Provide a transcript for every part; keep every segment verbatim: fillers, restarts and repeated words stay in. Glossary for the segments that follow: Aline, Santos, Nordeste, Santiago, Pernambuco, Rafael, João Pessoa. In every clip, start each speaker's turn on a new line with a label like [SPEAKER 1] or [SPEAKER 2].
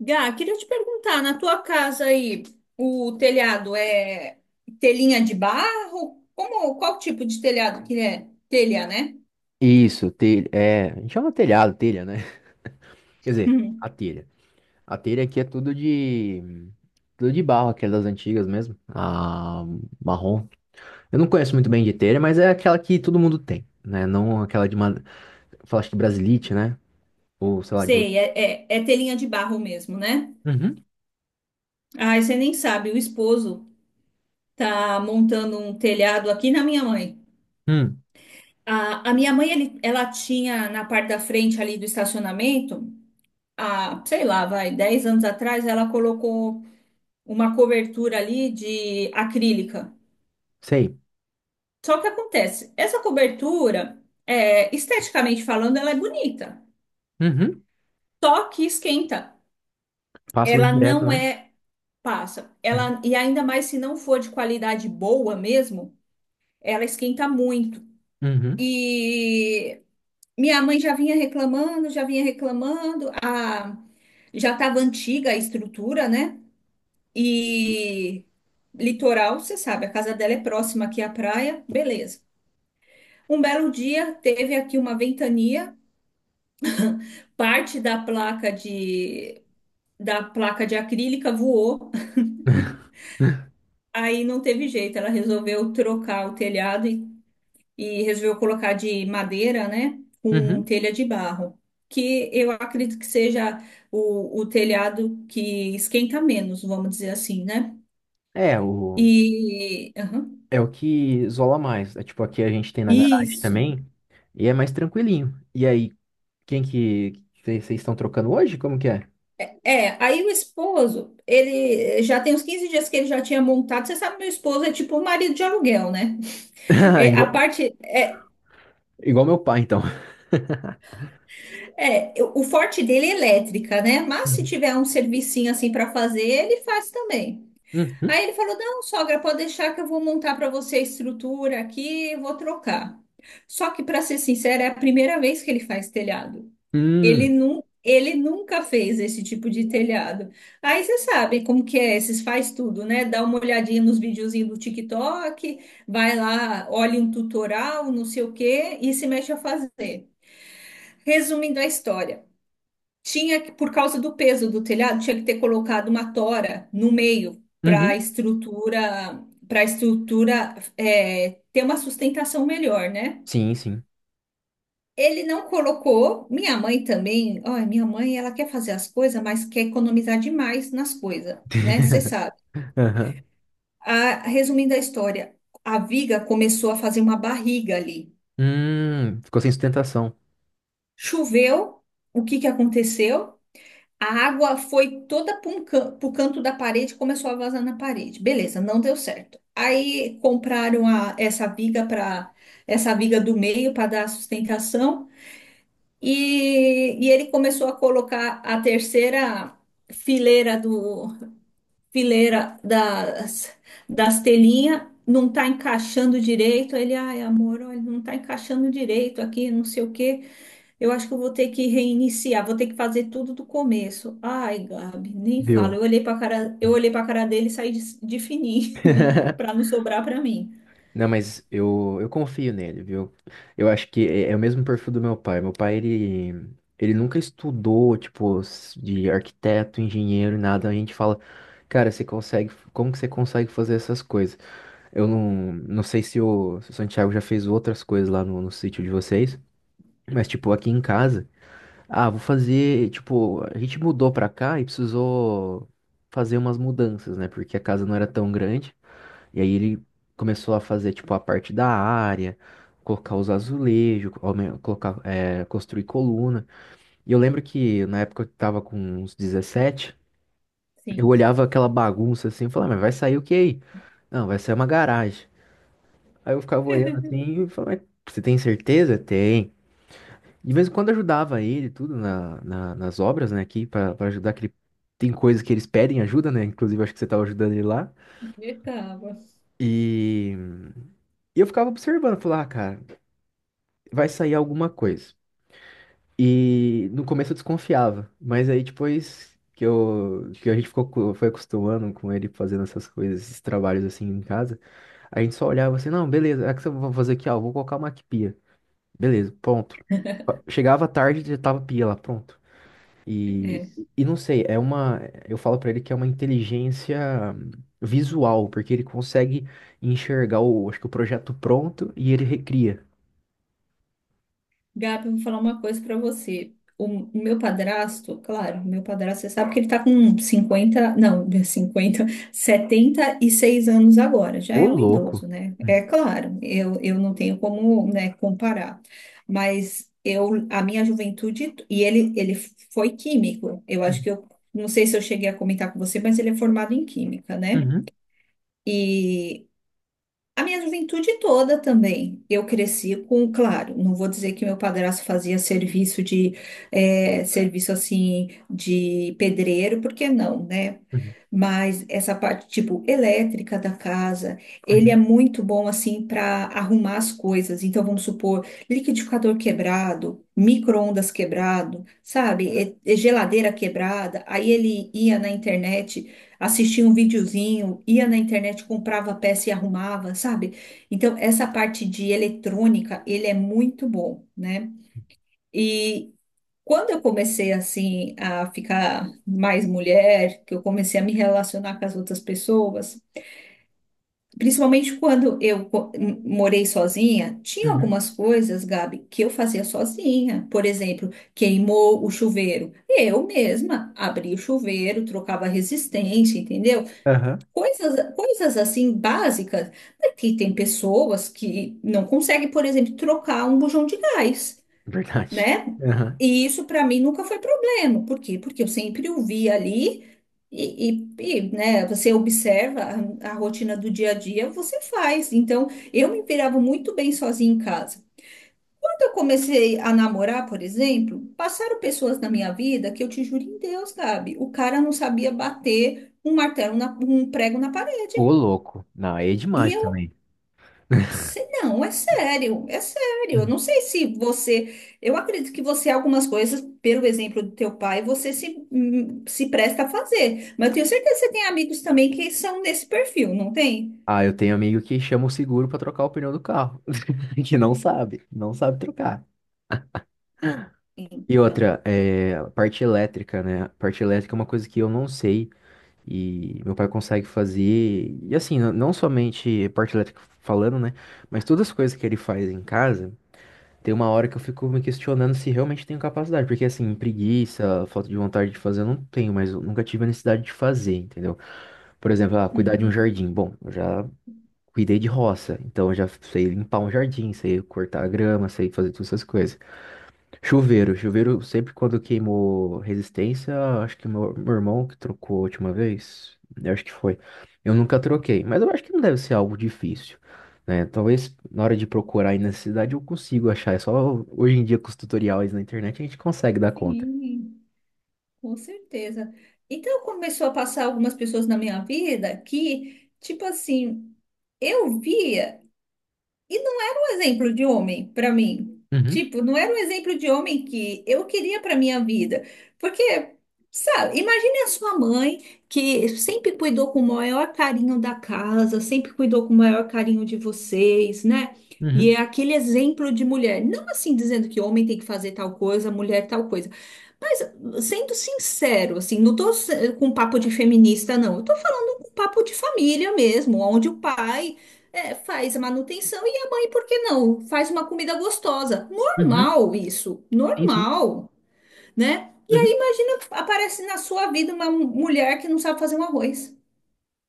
[SPEAKER 1] Gá, queria te perguntar, na tua casa aí, o telhado é telhinha de barro? Como, qual tipo de telhado que é? Telha, né?
[SPEAKER 2] Isso, telha, é, a gente chama telhado, telha, né? Quer dizer, a
[SPEAKER 1] Hum.
[SPEAKER 2] telha. A telha aqui é tudo de, tudo de barro, aquela das antigas mesmo, a marrom. Eu não conheço muito bem de telha, mas é aquela que todo mundo tem, né? Não aquela de, uma, acho que brasilite, né? Ou, sei lá, de outro.
[SPEAKER 1] Sei, é, é, é telhinha de barro mesmo, né?
[SPEAKER 2] Uhum,
[SPEAKER 1] Ai, você nem sabe, o esposo tá montando um telhado aqui na minha mãe.
[SPEAKER 2] hum,
[SPEAKER 1] A, a minha mãe, ele- ela tinha na parte da frente ali do estacionamento, há, sei lá, vai, dez anos atrás, ela colocou uma cobertura ali de acrílica.
[SPEAKER 2] sei.
[SPEAKER 1] Só que acontece, essa cobertura, é, esteticamente falando, ela é bonita,
[SPEAKER 2] Uhum,
[SPEAKER 1] só que esquenta.
[SPEAKER 2] passa luz
[SPEAKER 1] Ela
[SPEAKER 2] direto,
[SPEAKER 1] não
[SPEAKER 2] né?
[SPEAKER 1] é passa.
[SPEAKER 2] Uhum,
[SPEAKER 1] Ela e ainda mais se não for de qualidade boa mesmo, ela esquenta muito.
[SPEAKER 2] uhum,
[SPEAKER 1] E minha mãe já vinha reclamando, já vinha reclamando, a já estava antiga a estrutura, né? E litoral, você sabe, a casa dela é próxima aqui à praia, beleza. Um belo dia teve aqui uma ventania, parte da placa de da placa de acrílica voou. Aí não teve jeito, ela resolveu trocar o telhado e, e resolveu colocar de madeira, né, com
[SPEAKER 2] uhum.
[SPEAKER 1] telha de barro, que eu acredito que seja o, o telhado que esquenta menos, vamos dizer assim, né?
[SPEAKER 2] É, o,
[SPEAKER 1] E aham,
[SPEAKER 2] é o que isola mais. É tipo, aqui a gente tem na garagem
[SPEAKER 1] isso.
[SPEAKER 2] também, e é mais tranquilinho. E aí, quem que vocês estão trocando hoje? Como que é?
[SPEAKER 1] É, aí o esposo, ele já tem uns quinze dias que ele já tinha montado. Você sabe, meu esposo é tipo um marido de aluguel, né?
[SPEAKER 2] Ah,
[SPEAKER 1] É, a
[SPEAKER 2] igual,
[SPEAKER 1] parte, é.
[SPEAKER 2] igual meu pai, então.
[SPEAKER 1] É, eu- o forte dele é elétrica, né? Mas se
[SPEAKER 2] Uhum.
[SPEAKER 1] tiver um servicinho assim para fazer, ele faz também.
[SPEAKER 2] Uhum.
[SPEAKER 1] Aí ele falou: não, sogra, pode deixar que eu vou montar para você a estrutura aqui, eu vou trocar. Só que, para ser sincera, é a primeira vez que ele faz telhado. Ele,
[SPEAKER 2] Hum.
[SPEAKER 1] nu ele nunca fez esse tipo de telhado. Aí você sabe como que é, esses faz tudo, né? Dá uma olhadinha nos videozinhos do TikTok, vai lá, olha um tutorial, não sei o quê, e se mexe a fazer. Resumindo a história. Tinha, que- por causa do peso do telhado, tinha que ter colocado uma tora no meio para a
[SPEAKER 2] Uhum.
[SPEAKER 1] estrutura, para estrutura é, ter uma sustentação melhor, né?
[SPEAKER 2] Sim, sim.
[SPEAKER 1] Ele não colocou. Minha mãe também. Olha, minha mãe, ela quer fazer as coisas, mas quer economizar demais nas coisas, né? Você sabe.
[SPEAKER 2] Aham.
[SPEAKER 1] A- resumindo a história, a viga começou a fazer uma barriga ali.
[SPEAKER 2] Hum, ficou sem sustentação,
[SPEAKER 1] Choveu. O que que aconteceu? A água foi toda para o canto da parede, e começou a vazar na parede. Beleza, não deu certo. Aí compraram a- essa viga para essa viga do meio para dar sustentação e, e ele começou a colocar a terceira fileira do fileira das, das telhinhas. Não está encaixando direito. Ele, ai, amor, olha, não está encaixando direito aqui, não sei o quê. Eu acho que eu vou ter que reiniciar, vou ter que fazer tudo do começo. Ai, Gabi, nem fala.
[SPEAKER 2] viu?
[SPEAKER 1] Eu olhei para cara, eu olhei para cara dele e saí de, de fininho para não sobrar para mim.
[SPEAKER 2] Não, mas eu, eu confio nele, viu? Eu acho que é, é o mesmo perfil do meu pai. Meu pai, ele, ele nunca estudou, tipo, s- de arquiteto, engenheiro, nada. A gente fala, cara, você consegue, como que você consegue fazer essas coisas? Eu não, não sei se o, se o Santiago já fez outras coisas lá no, no sítio de vocês, mas tipo aqui em casa, ah, vou fazer, tipo, a gente mudou pra cá e precisou fazer umas mudanças, né? Porque a casa não era tão grande. E aí ele começou a fazer tipo a parte da área, colocar os azulejos, aumen- colocar, é, construir coluna. E eu lembro que na época eu tava com uns dezessete, eu
[SPEAKER 1] Sim,
[SPEAKER 2] olhava aquela bagunça assim e falava, "Ah, mas vai sair o que aí? Não, vai sair uma garagem." Aí eu ficava olhando assim e falava, "Mas você tem certeza?" Tem. De vez em quando ajudava ele, e tudo, na, na- nas obras, né, aqui, pra, pra ajudar, que ele, tem coisas que eles pedem ajuda, né, inclusive acho que você tava ajudando ele lá.
[SPEAKER 1] eu tava.
[SPEAKER 2] E, e eu ficava observando, falava, ah, cara, vai sair alguma coisa. E no começo eu desconfiava, mas aí depois que eu, que a gente ficou, co- foi acostumando com ele fazendo essas coisas, esses trabalhos assim em casa, a gente só olhava assim, não, beleza, é que eu vou fazer aqui, ó, vou colocar uma beleza, pronto. Chegava tarde, já tava pia lá, pronto. E, e não sei, é uma. Eu falo pra ele que é uma inteligência visual, porque ele consegue enxergar o, acho que o projeto pronto e ele recria.
[SPEAKER 1] Gabi, eu vou falar uma coisa pra você. O, o meu padrasto, claro, o meu padrasto, você sabe que ele tá com cinquenta, não, cinquenta, setenta e seis anos agora, já
[SPEAKER 2] Ô,
[SPEAKER 1] é um
[SPEAKER 2] louco.
[SPEAKER 1] idoso, né? É claro, eu, eu não tenho como, né, comparar, mas eu, a minha juventude, e ele, ele foi químico, eu acho
[SPEAKER 2] Uhum,
[SPEAKER 1] que eu, não sei se eu cheguei a comentar com você, mas ele é formado em química, né?
[SPEAKER 2] uhum,
[SPEAKER 1] E a minha juventude toda também. Eu cresci com, claro, não vou dizer que meu padrasto fazia serviço de, eh, serviço assim, de pedreiro, porque não, né?
[SPEAKER 2] uhum,
[SPEAKER 1] Mas essa parte, tipo, elétrica da casa, ele é
[SPEAKER 2] uhum,
[SPEAKER 1] muito bom, assim, para arrumar as coisas. Então, vamos supor, liquidificador quebrado, micro-ondas quebrado, sabe? E- e geladeira quebrada. Aí ele ia na internet, assistia um videozinho, ia na internet, comprava a peça e arrumava, sabe? Então, essa parte de eletrônica, ele é muito bom, né? E quando eu comecei, assim, a ficar mais mulher, que eu comecei a me relacionar com as outras pessoas, principalmente quando eu co- m- morei sozinha, tinha
[SPEAKER 2] uhum.
[SPEAKER 1] algumas coisas, Gabi, que eu fazia sozinha. Por exemplo, queimou o chuveiro. Eu mesma abria o chuveiro, trocava a resistência, entendeu?
[SPEAKER 2] Aham.
[SPEAKER 1] Coisas, coisas assim básicas, porque tem pessoas que não conseguem, por exemplo, trocar um bujão de gás,
[SPEAKER 2] Verdade.
[SPEAKER 1] né?
[SPEAKER 2] Aham.
[SPEAKER 1] E isso para mim nunca foi problema. Por quê? Porque eu sempre o vi ali e, e- e, né, você observa a, a rotina do dia a dia, você faz. Então, eu me virava muito bem sozinha em casa. Quando eu comecei a namorar, por exemplo, passaram pessoas na minha vida que eu te juro em Deus, Gabi, o cara não sabia bater um martelo, na- um prego na parede.
[SPEAKER 2] Ô, louco. Não, aí é
[SPEAKER 1] E
[SPEAKER 2] demais
[SPEAKER 1] eu,
[SPEAKER 2] também.
[SPEAKER 1] se- não, é sério, é sério. Eu
[SPEAKER 2] Uhum.
[SPEAKER 1] não sei se você, eu acredito que você, algumas coisas, pelo exemplo do teu pai, você se, hum, se presta a fazer. Mas eu tenho certeza que você tem amigos também que são nesse perfil, não tem?
[SPEAKER 2] Ah, eu tenho amigo que chama o seguro pra trocar o pneu do carro, que não sabe, não sabe trocar. E
[SPEAKER 1] Então,
[SPEAKER 2] outra, é, a parte elétrica, né? A parte elétrica é uma coisa que eu não sei e meu pai consegue fazer. E assim, n- não somente parte elétrica falando, né? Mas todas as coisas que ele faz em casa, tem uma hora que eu fico me questionando se realmente tenho capacidade. Porque assim, preguiça, falta de vontade de fazer, eu não tenho, mas eu nunca tive a necessidade de fazer, entendeu? Por exemplo, ah, cuidar de um
[SPEAKER 1] uhum,
[SPEAKER 2] jardim. Bom, eu já cuidei de roça, então eu já sei limpar um jardim, sei cortar a grama, sei fazer todas essas coisas. Chuveiro, chuveiro sempre quando queimou resistência, acho que meu, meu irmão que trocou a última vez, eu acho que foi. Eu nunca troquei, mas eu acho que não deve ser algo difícil, né? Talvez na hora de procurar aí na cidade eu consigo achar, é só hoje em dia com os tutoriais na internet a gente consegue dar conta.
[SPEAKER 1] sim, com certeza. Então começou a passar algumas pessoas na minha vida que, tipo assim, eu via. E não era um exemplo de homem para mim.
[SPEAKER 2] Uhum,
[SPEAKER 1] Tipo, não era um exemplo de homem que eu queria para minha vida. Porque, sabe, imagine a sua mãe que sempre cuidou com o maior carinho da casa, sempre cuidou com o maior carinho de vocês, né? E é
[SPEAKER 2] uhum,
[SPEAKER 1] aquele exemplo de mulher. Não assim dizendo que homem tem que fazer tal coisa, mulher tal coisa. Mas sendo sincero, assim, não tô se- com papo de feminista, não. Eu tô falando com papo de família mesmo, onde o pai é, faz a manutenção e a mãe, por que não? Faz uma comida gostosa.
[SPEAKER 2] uhum,
[SPEAKER 1] Normal isso,
[SPEAKER 2] sim, sim,
[SPEAKER 1] normal, né? E aí,
[SPEAKER 2] uhum.
[SPEAKER 1] imagina, aparece na sua vida uma mulher que não sabe fazer um arroz.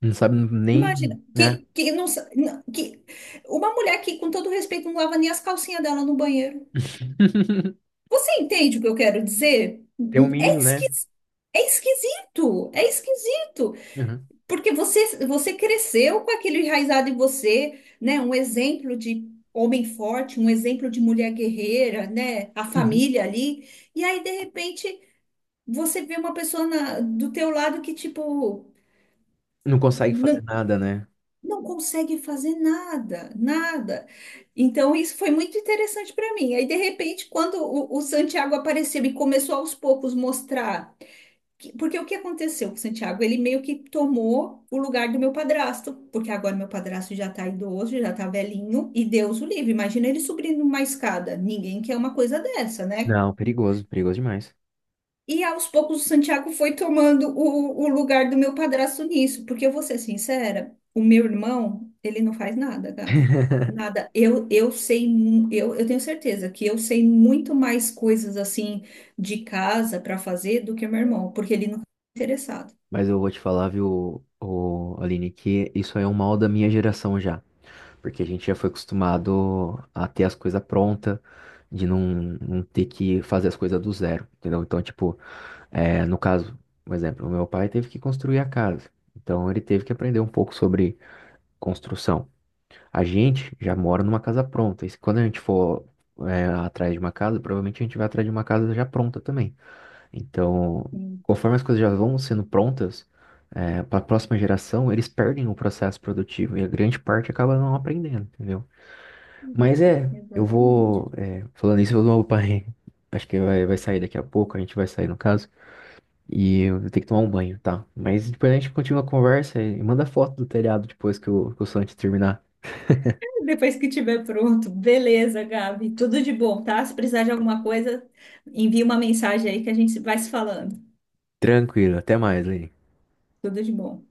[SPEAKER 2] Não sabe
[SPEAKER 1] Imagina,
[SPEAKER 2] nem, né?
[SPEAKER 1] que, que não, sa- não- que uma mulher que, com todo respeito, não lava nem as calcinhas dela no banheiro. Você entende o que eu quero dizer?
[SPEAKER 2] Tem um
[SPEAKER 1] É
[SPEAKER 2] mínimo, né?
[SPEAKER 1] esquisito, é esquisito, é esquisito.
[SPEAKER 2] Uhum,
[SPEAKER 1] Porque você, você cresceu com aquilo enraizado em você, né? Um exemplo de homem forte, um exemplo de mulher guerreira, né? A
[SPEAKER 2] uhum.
[SPEAKER 1] família ali. E aí, de repente, você vê uma pessoa na- do teu lado que, tipo,
[SPEAKER 2] Não consegue
[SPEAKER 1] não,
[SPEAKER 2] fazer nada, né?
[SPEAKER 1] não consegue fazer nada, nada. Então, isso foi muito interessante para mim. Aí, de repente, quando o, o Santiago apareceu e começou aos poucos mostrar que- Porque o que aconteceu com o Santiago? Ele meio que tomou o lugar do meu padrasto, porque agora meu padrasto já tá idoso, já tá velhinho, e Deus o livre. Imagina ele subindo uma escada. Ninguém quer uma coisa dessa, né?
[SPEAKER 2] Não, perigoso, perigoso demais.
[SPEAKER 1] E aos poucos o Santiago foi tomando o, o lugar do meu padrasto nisso, porque eu vou ser sincera, o meu irmão, ele não faz nada, cara. Nada. Eu, eu sei, mu- eu, eu tenho certeza que eu sei muito mais coisas assim de casa para fazer do que meu irmão, porque ele não é interessado.
[SPEAKER 2] Mas eu vou te falar, viu, o Aline, que isso aí é um mal da minha geração já. Porque a gente já foi acostumado a ter as coisas prontas, de não, não ter que fazer as coisas do zero, entendeu? Então, tipo, é, no caso, um exemplo, o meu pai teve que construir a casa. Então, ele teve que aprender um pouco sobre construção. A gente já mora numa casa pronta. E se- quando a gente for, é, atrás de uma casa, provavelmente a gente vai atrás de uma casa já pronta também. Então, conforme as coisas já vão sendo prontas, para a próxima geração, eles perdem o processo produtivo e a grande parte acaba não aprendendo, entendeu? Mas é, eu
[SPEAKER 1] Exatamente.
[SPEAKER 2] vou. É, falando isso, eu vou pai. Acho que vai, vai sair daqui a pouco, a gente vai sair no caso. E eu vou ter que tomar um banho, tá? Mas depois a gente continua a conversa e manda foto do telhado depois que o, que o Santos terminar.
[SPEAKER 1] Depois que tiver pronto, beleza, Gabi. Tudo de bom, tá? Se precisar de alguma coisa, envia uma mensagem aí que a gente vai se falando.
[SPEAKER 2] Tranquilo, até mais, Lê.
[SPEAKER 1] Tudo de bom.